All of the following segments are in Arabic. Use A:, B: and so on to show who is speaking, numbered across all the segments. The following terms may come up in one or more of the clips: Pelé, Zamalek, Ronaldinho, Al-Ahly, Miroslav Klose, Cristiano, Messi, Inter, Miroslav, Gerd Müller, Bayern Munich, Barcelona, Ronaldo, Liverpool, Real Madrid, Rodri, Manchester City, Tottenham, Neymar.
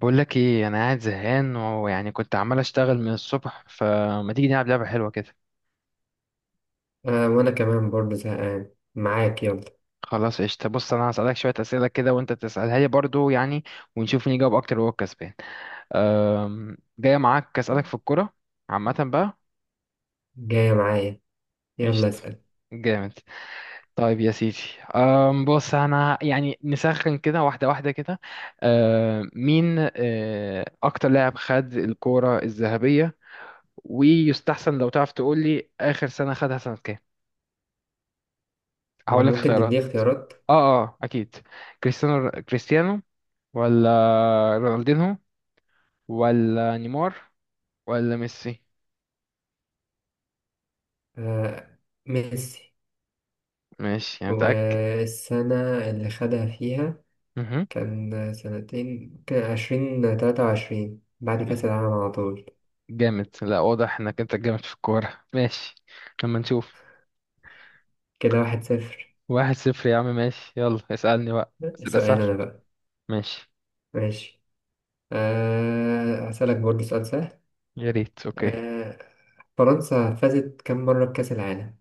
A: بقول لك ايه، انا قاعد زهقان ويعني كنت عمال اشتغل من الصبح، فما تيجي نلعب لعبه حلوه كده؟
B: وأنا كمان برضه زهقان معاك، يلا.
A: خلاص قشطه. بص، انا هسالك شويه اسئله كده وانت تسالها لي برضو يعني، ونشوف مين يجاوب اكتر وهو الكسبان. جايه معاك اسالك في الكوره عامه بقى.
B: جاية معايا، يلا
A: قشطه.
B: اسأل.
A: جامد. طيب يا سيدي. بص، انا يعني نسخن كده واحده واحده كده. مين اكتر لاعب خد الكوره الذهبيه؟ ويستحسن لو تعرف تقول لي اخر سنه خدها سنه كام. هقول لك
B: ممكن
A: اختيارات.
B: تديني اختيارات.
A: اه، اه اكيد. كريستيانو، كريستيانو ولا رونالدينهو ولا نيمار ولا ميسي؟
B: آه ميسي.
A: ماشي يعني، متأكد؟
B: والسنة اللي خدها فيها
A: مهم.
B: كان سنتين، كان عشرين، تلاتة وعشرين، بعد
A: لا.
B: كأس العالم على طول.
A: جامد، لا واضح انك انت جامد في الكورة. ماشي، لما نشوف.
B: كده واحد صفر.
A: 1-0 يا عم، ماشي، يلا اسألني بقى بس ده
B: سؤال
A: سهل.
B: أنا بقى.
A: ماشي،
B: ماشي. آه هسألك برضه سؤال سهل.
A: يا ريت. اوكي.
B: آه فرنسا فازت كم مرة بكأس العالم؟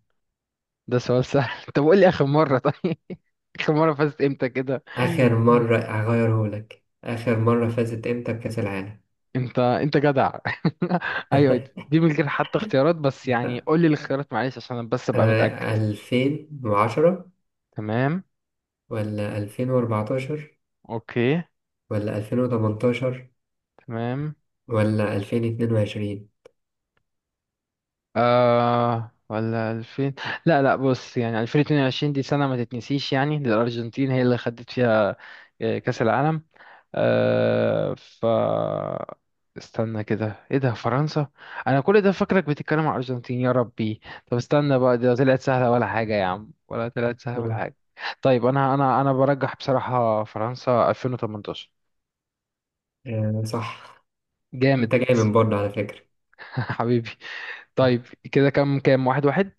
A: ده سؤال سهل. طب قول لي اخر مرة، طيب. اخر مرة فزت امتى كده؟
B: آخر مرة هغيرهولك، آخر مرة فازت إمتى بكأس العالم؟
A: انت جدع. ايوه دي من غير حتى اختيارات، بس يعني
B: لا.
A: قول لي الاختيارات معلش عشان انا بس ابقى متأكد.
B: ألفين وعشرة،
A: تمام.
B: ولا ألفين وأربعتاشر،
A: اوكي.
B: ولا ألفين وتمنتاشر،
A: تمام.
B: ولا ألفين اتنين وعشرين.
A: ولا 2000؟ لا لا، بص يعني 2022 دي سنة ما تتنسيش يعني للأرجنتين، هي اللي خدت فيها كأس العالم. آه ف استنى كده، ايه ده، فرنسا؟ انا كل ده فاكرك بتتكلم على الارجنتين، يا ربي. طب استنى بقى، ده طلعت سهله ولا حاجه يا عم، ولا طلعت سهله ولا
B: مم.
A: حاجه؟ طيب، انا برجح بصراحه فرنسا 2018.
B: آه، صح. أنت
A: جامد.
B: جاي من برضه على فكرة.
A: حبيبي. طيب، كده كام كام، واحد واحد.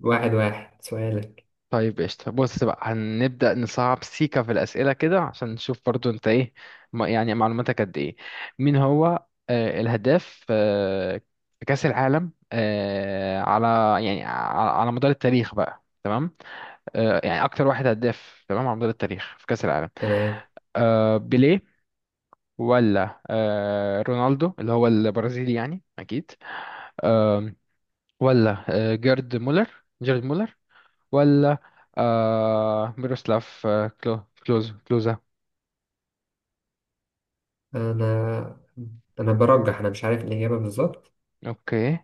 B: واحد واحد سؤالك.
A: طيب قشطة، بص بقى هنبدأ نصعب سيكا في الأسئلة كده عشان نشوف برضو أنت إيه، يعني معلوماتك قد إيه. مين هو الهداف في كأس العالم على يعني على مدار التاريخ بقى، تمام؟ يعني أكتر واحد هداف، تمام، على مدار التاريخ في كأس العالم.
B: تمام.
A: بيليه، ولا رونالدو اللي هو البرازيلي يعني أكيد، ولا جيرد مولر، جيرد مولر، ولا ميروسلاف كلوزا؟
B: أنا أنا برجح، أنا مش عارف الإجابة بالظبط.
A: اوكي.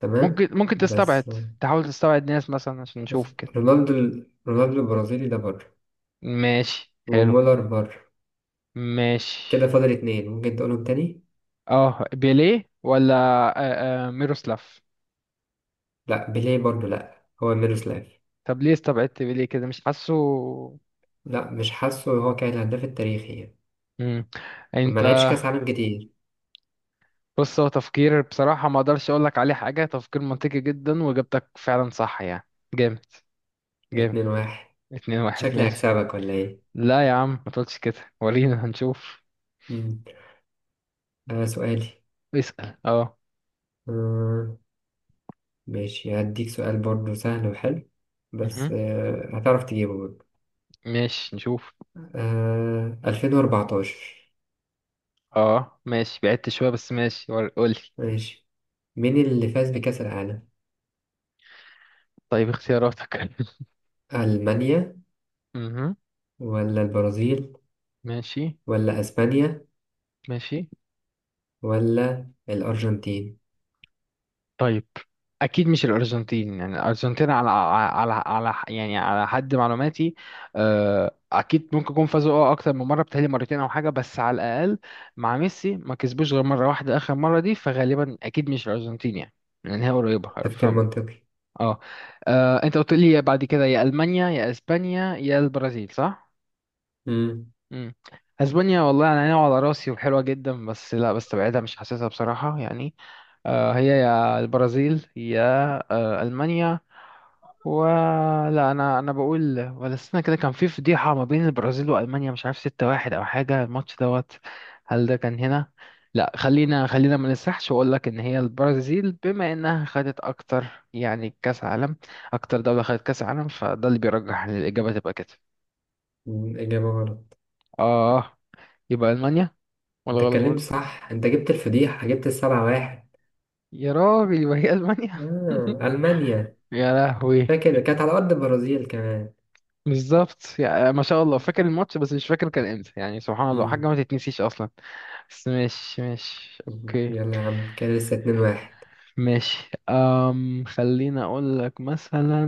B: تمام.
A: ممكن
B: بس
A: تستبعد، تحاول تستبعد ناس مثلا عشان
B: بص،
A: نشوف كده.
B: رونالدو، رونالدو البرازيلي ده بره،
A: ماشي، حلو.
B: ومولر بره.
A: ماشي.
B: كده فاضل اتنين، ممكن تقولهم تاني؟
A: اه، بيليه ولا ميروسلاف؟
B: لأ بيليه برضه، لأ هو ميروسلاف.
A: طب ليه استبعدت بيليه كده، مش حاسه؟
B: لا مش حاسه، هو كان الهداف التاريخي يعني،
A: مم.
B: ما
A: انت.
B: لعبش كاس عالم كتير.
A: بص، هو تفكير بصراحة ما اقدرش اقول لك عليه حاجة، تفكير منطقي جدا، واجابتك فعلا صح يعني. جامد، جامد.
B: اتنين واحد،
A: 2-1،
B: شكلي
A: ماشي.
B: هكسبك ولا ايه.
A: لا يا عم، ما تقولش كده، ورينا هنشوف.
B: مم. سؤالي.
A: اسأل، اه.
B: آه ماشي هديك سؤال برضه سهل وحلو، بس
A: مهم.
B: هتعرف تجيبه برضه.
A: ماشي، نشوف.
B: 2014.
A: اه ماشي، بعدت شوية بس ماشي. قولي.
B: ماشي. مين اللي فاز بكأس العالم؟
A: طيب، اختياراتك؟
B: ألمانيا،
A: مهم.
B: ولا البرازيل،
A: ماشي،
B: ولا أسبانيا،
A: ماشي.
B: ولا الأرجنتين.
A: طيب، أكيد مش الأرجنتين يعني. الأرجنتين على على يعني على حد معلوماتي. أكيد ممكن يكون فازوا أكتر من مرة، بتهيألي مرتين أو حاجة بس على الأقل مع ميسي ما كسبوش غير مرة واحدة آخر مرة دي، فغالبا أكيد مش الأرجنتين يعني، لأن هي قريبة.
B: تفكير منطقي.
A: اه. انت قلت لي بعد كده يا المانيا يا اسبانيا يا البرازيل، صح؟
B: مم.
A: امم اسبانيا والله انا ناوي على راسي وحلوه جدا، بس لا بستبعدها مش حاسسها بصراحه يعني. هي يا البرازيل يا المانيا. ولا، انا بقول ولا السنه كده كان في فضيحه ما بين البرازيل والمانيا، مش عارف 6-1 او حاجه، الماتش دوت. هل ده كان هنا؟ لا، خلينا ما نسرحش، واقول لك ان هي البرازيل بما انها خدت اكتر يعني كاس عالم، اكتر دوله خدت كاس عالم، فده اللي بيرجح ان الاجابه تبقى كده.
B: مم، إجابة غلط.
A: اه، يبقى المانيا. ولا
B: انت
A: غلط
B: اتكلمت
A: برضه؟
B: صح، انت جبت الفضيحة، جبت السبعة واحد.
A: يا راجل، يبقى هي المانيا.
B: آه. ألمانيا.
A: يا لهوي.
B: فاكر كانت على أرض البرازيل كمان.
A: بالظبط يعني، ما شاء الله، فاكر الماتش بس مش فاكر كان امتى يعني، سبحان الله، حاجه
B: مم.
A: ما تتنسيش اصلا. بس ماشي، ماشي،
B: مم،
A: اوكي.
B: يلا يا عم، كان لسه اتنين واحد.
A: ماشي، خليني اقول لك مثلا.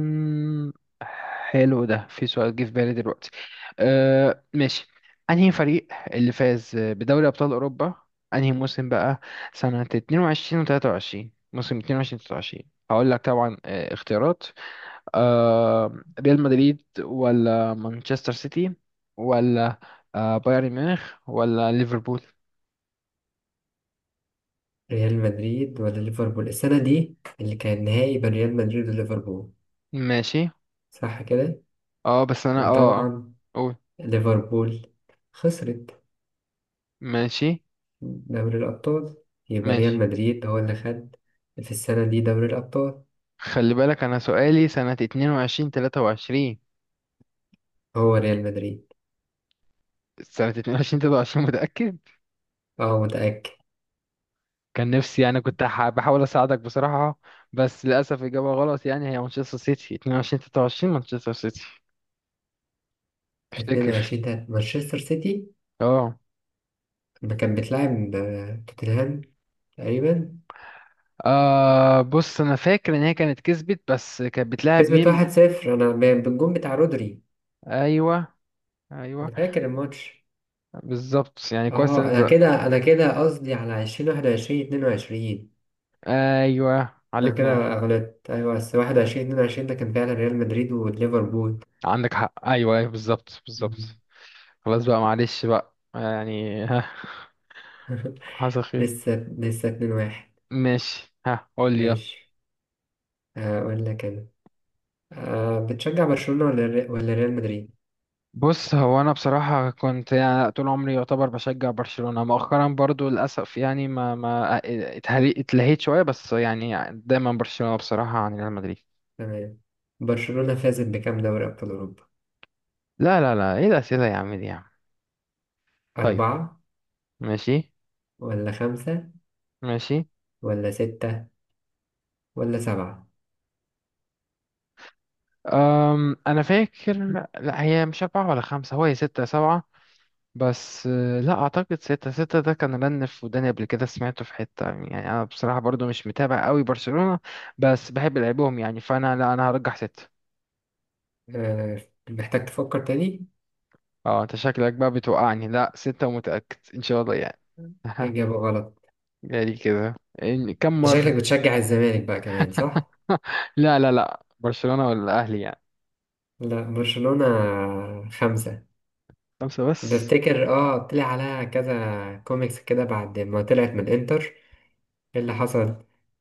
A: حلو، ده في سؤال جه في بالي دلوقتي. أه ماشي. انهي فريق اللي فاز بدوري ابطال اوروبا انهي موسم بقى؟ سنة 22 و23، موسم 22 23. هقول لك طبعا، اختيارات. أه، ريال مدريد ولا مانشستر سيتي، ولا بايرن ميونخ ولا ليفربول؟
B: ريال مدريد ولا ليفربول، السنة دي اللي كان نهائي بين ريال مدريد وليفربول
A: ماشي،
B: صح كده.
A: اه بس انا
B: وطبعا
A: قول.
B: ليفربول خسرت
A: ماشي.
B: دوري الأبطال، يبقى ريال
A: ماشي،
B: مدريد هو اللي خد في السنة دي دوري الأبطال.
A: خلي بالك انا سؤالي سنة اتنين وعشرين تلاتة وعشرين.
B: هو ريال مدريد.
A: سنة اتنين وعشرين تلاتة وعشرين، متأكد؟
B: اه متأكد.
A: كان نفسي يعني كنت بحاول اساعدك بصراحة، بس للأسف إجابة غلط. يعني هي مانشستر سيتي اتنين وعشرين تلاتة وعشرين، مانشستر سيتي
B: اتنين
A: افتكر.
B: وعشرين تلاتة مانشستر سيتي،
A: اه.
B: ما كانت بتلعب توتنهام تقريبا.
A: بص انا فاكر ان هي كانت كسبت، بس كانت بتلاعب
B: كسبت
A: مين؟
B: واحد صفر، أنا بالجون بتاع رودري.
A: ايوه،
B: أنا
A: ايوه،
B: فاكر الماتش.
A: بالظبط يعني، كويس إن
B: اه أنا
A: انت.
B: كده، أنا كده قصدي على عشرين واحد وعشرين، اتنين وعشرين.
A: ايوه،
B: أنا
A: عليك نور.
B: كده غلطت، أيوة، بس واحد وعشرين اتنين وعشرين ده كان فعلا ريال مدريد وليفربول.
A: عندك حق، ايوه، ايوه، بالظبط،
B: مم.
A: بالظبط. خلاص بقى، معلش بقى يعني. ها، حصل خير.
B: لسه اتنين واحد.
A: ماشي، ها قول لي يلا.
B: ماشي. أقول لك أنا. أه بتشجع برشلونة ولا ولا ريال مدريد.
A: بص، هو انا بصراحه كنت يعني طول عمري يعتبر بشجع برشلونه، مؤخرا برضو للاسف يعني ما اتلهيت شويه، بس يعني دايما برشلونه بصراحه عن ريال مدريد.
B: تمام. برشلونة فازت بكام دوري أبطال أوروبا؟
A: لا، لا، لا، ايه الاسئله يا عم دي يا عم؟ طيب.
B: أربعة،
A: ماشي.
B: ولا خمسة،
A: ماشي.
B: ولا ستة، ولا سبعة.
A: انا فاكر. لا، هي مش اربعه ولا خمسه، هو هي سته سبعه. بس لا اعتقد ستة. ستة ده كان رن في وداني قبل كده، سمعته في حتة يعني، انا بصراحة برضو مش متابع قوي برشلونة، بس بحب لعبهم يعني. فانا لا، انا هرجح ستة.
B: آه، محتاج تفكر تاني.
A: اه، انت شكلك بقى بتوقعني. لا ستة، ومتأكد ان شاء الله يعني.
B: إجابة غلط.
A: يعني كده. كم
B: أنت شكلك
A: مرة؟
B: بتشجع الزمالك بقى كمان صح؟
A: لا، لا، لا، برشلونة ولا الاهلي يعني.
B: لا برشلونة. خمسة.
A: خمسة بس؟
B: بفتكر اه طلع عليها كذا كوميكس كده بعد ما طلعت من انتر. ايه اللي حصل؟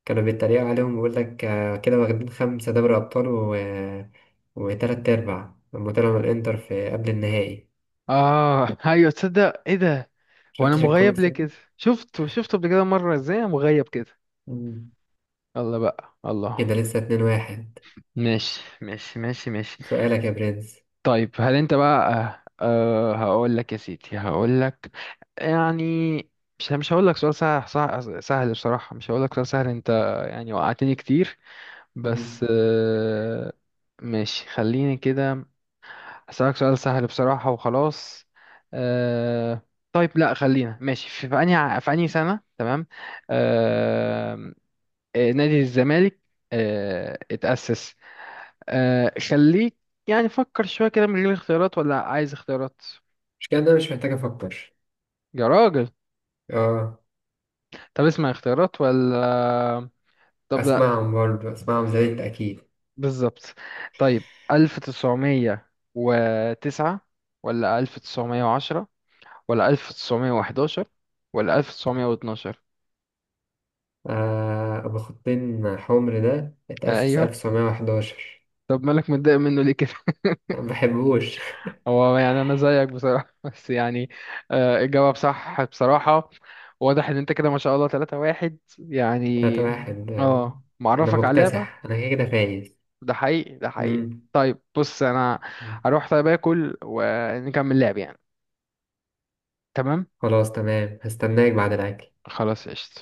B: كانوا بيتريقوا عليهم بيقول لك، كده واخدين خمسة دوري ابطال و... وتلات ارباع، لما طلعوا من الانتر في قبل النهائي.
A: اه. ايوه، تصدق ايه ده. هو انا
B: شفتش
A: مغيب
B: الكوميكس
A: ليه
B: دي؟
A: كده؟ شفته قبل كده مرة، ازاي أنا مغيب كده؟
B: مم.
A: يلا بقى، الله.
B: كده لسه اتنين واحد.
A: ماشي، ماشي، ماشي، ماشي.
B: سؤالك يا برنس.
A: طيب هل انت بقى أه آه، هقول لك يا سيدي، هقول لك يعني، مش هقول لك سؤال سهل، سهل سهل بصراحة. مش هقول لك سؤال سهل، انت يعني وقعتني كتير.
B: مم.
A: بس ماشي، خليني كده، هسألك سؤال سهل بصراحة وخلاص. أه. طيب لا خلينا ماشي، في انهي سنة، تمام؟ أه. نادي الزمالك اتأسس. خليك يعني، فكر شوية كده من غير اختيارات، ولا عايز اختيارات؟
B: مش كده، انا مش محتاج افكر.
A: يا راجل.
B: اه
A: طب اسمع اختيارات ولا؟ طب لا.
B: اسمعهم برضه، اسمعهم زي انت اكيد.
A: بالظبط. طيب، 1909، ولا 1910، ولا 1911، ولا 1912؟
B: آه، ابو خطين حمر ده اتأسس
A: أيوه.
B: 1911.
A: طب مالك متضايق منه ليه كده؟
B: ما بحبوش.
A: هو يعني انا زيك بصراحه، بس يعني الجواب صح بصراحه. واضح ان انت كده، ما شاء الله، 3 واحد يعني.
B: تلاتة واحد،
A: اه،
B: انا
A: معرفك على اللعبه.
B: مكتسح، انا كده كده فايز.
A: ده حقيقي، ده حقيقي.
B: مم.
A: طيب، بص انا هروح طيب اكل ونكمل لعب يعني. تمام،
B: خلاص تمام، هستناك بعد الاكل.
A: خلاص قشطة.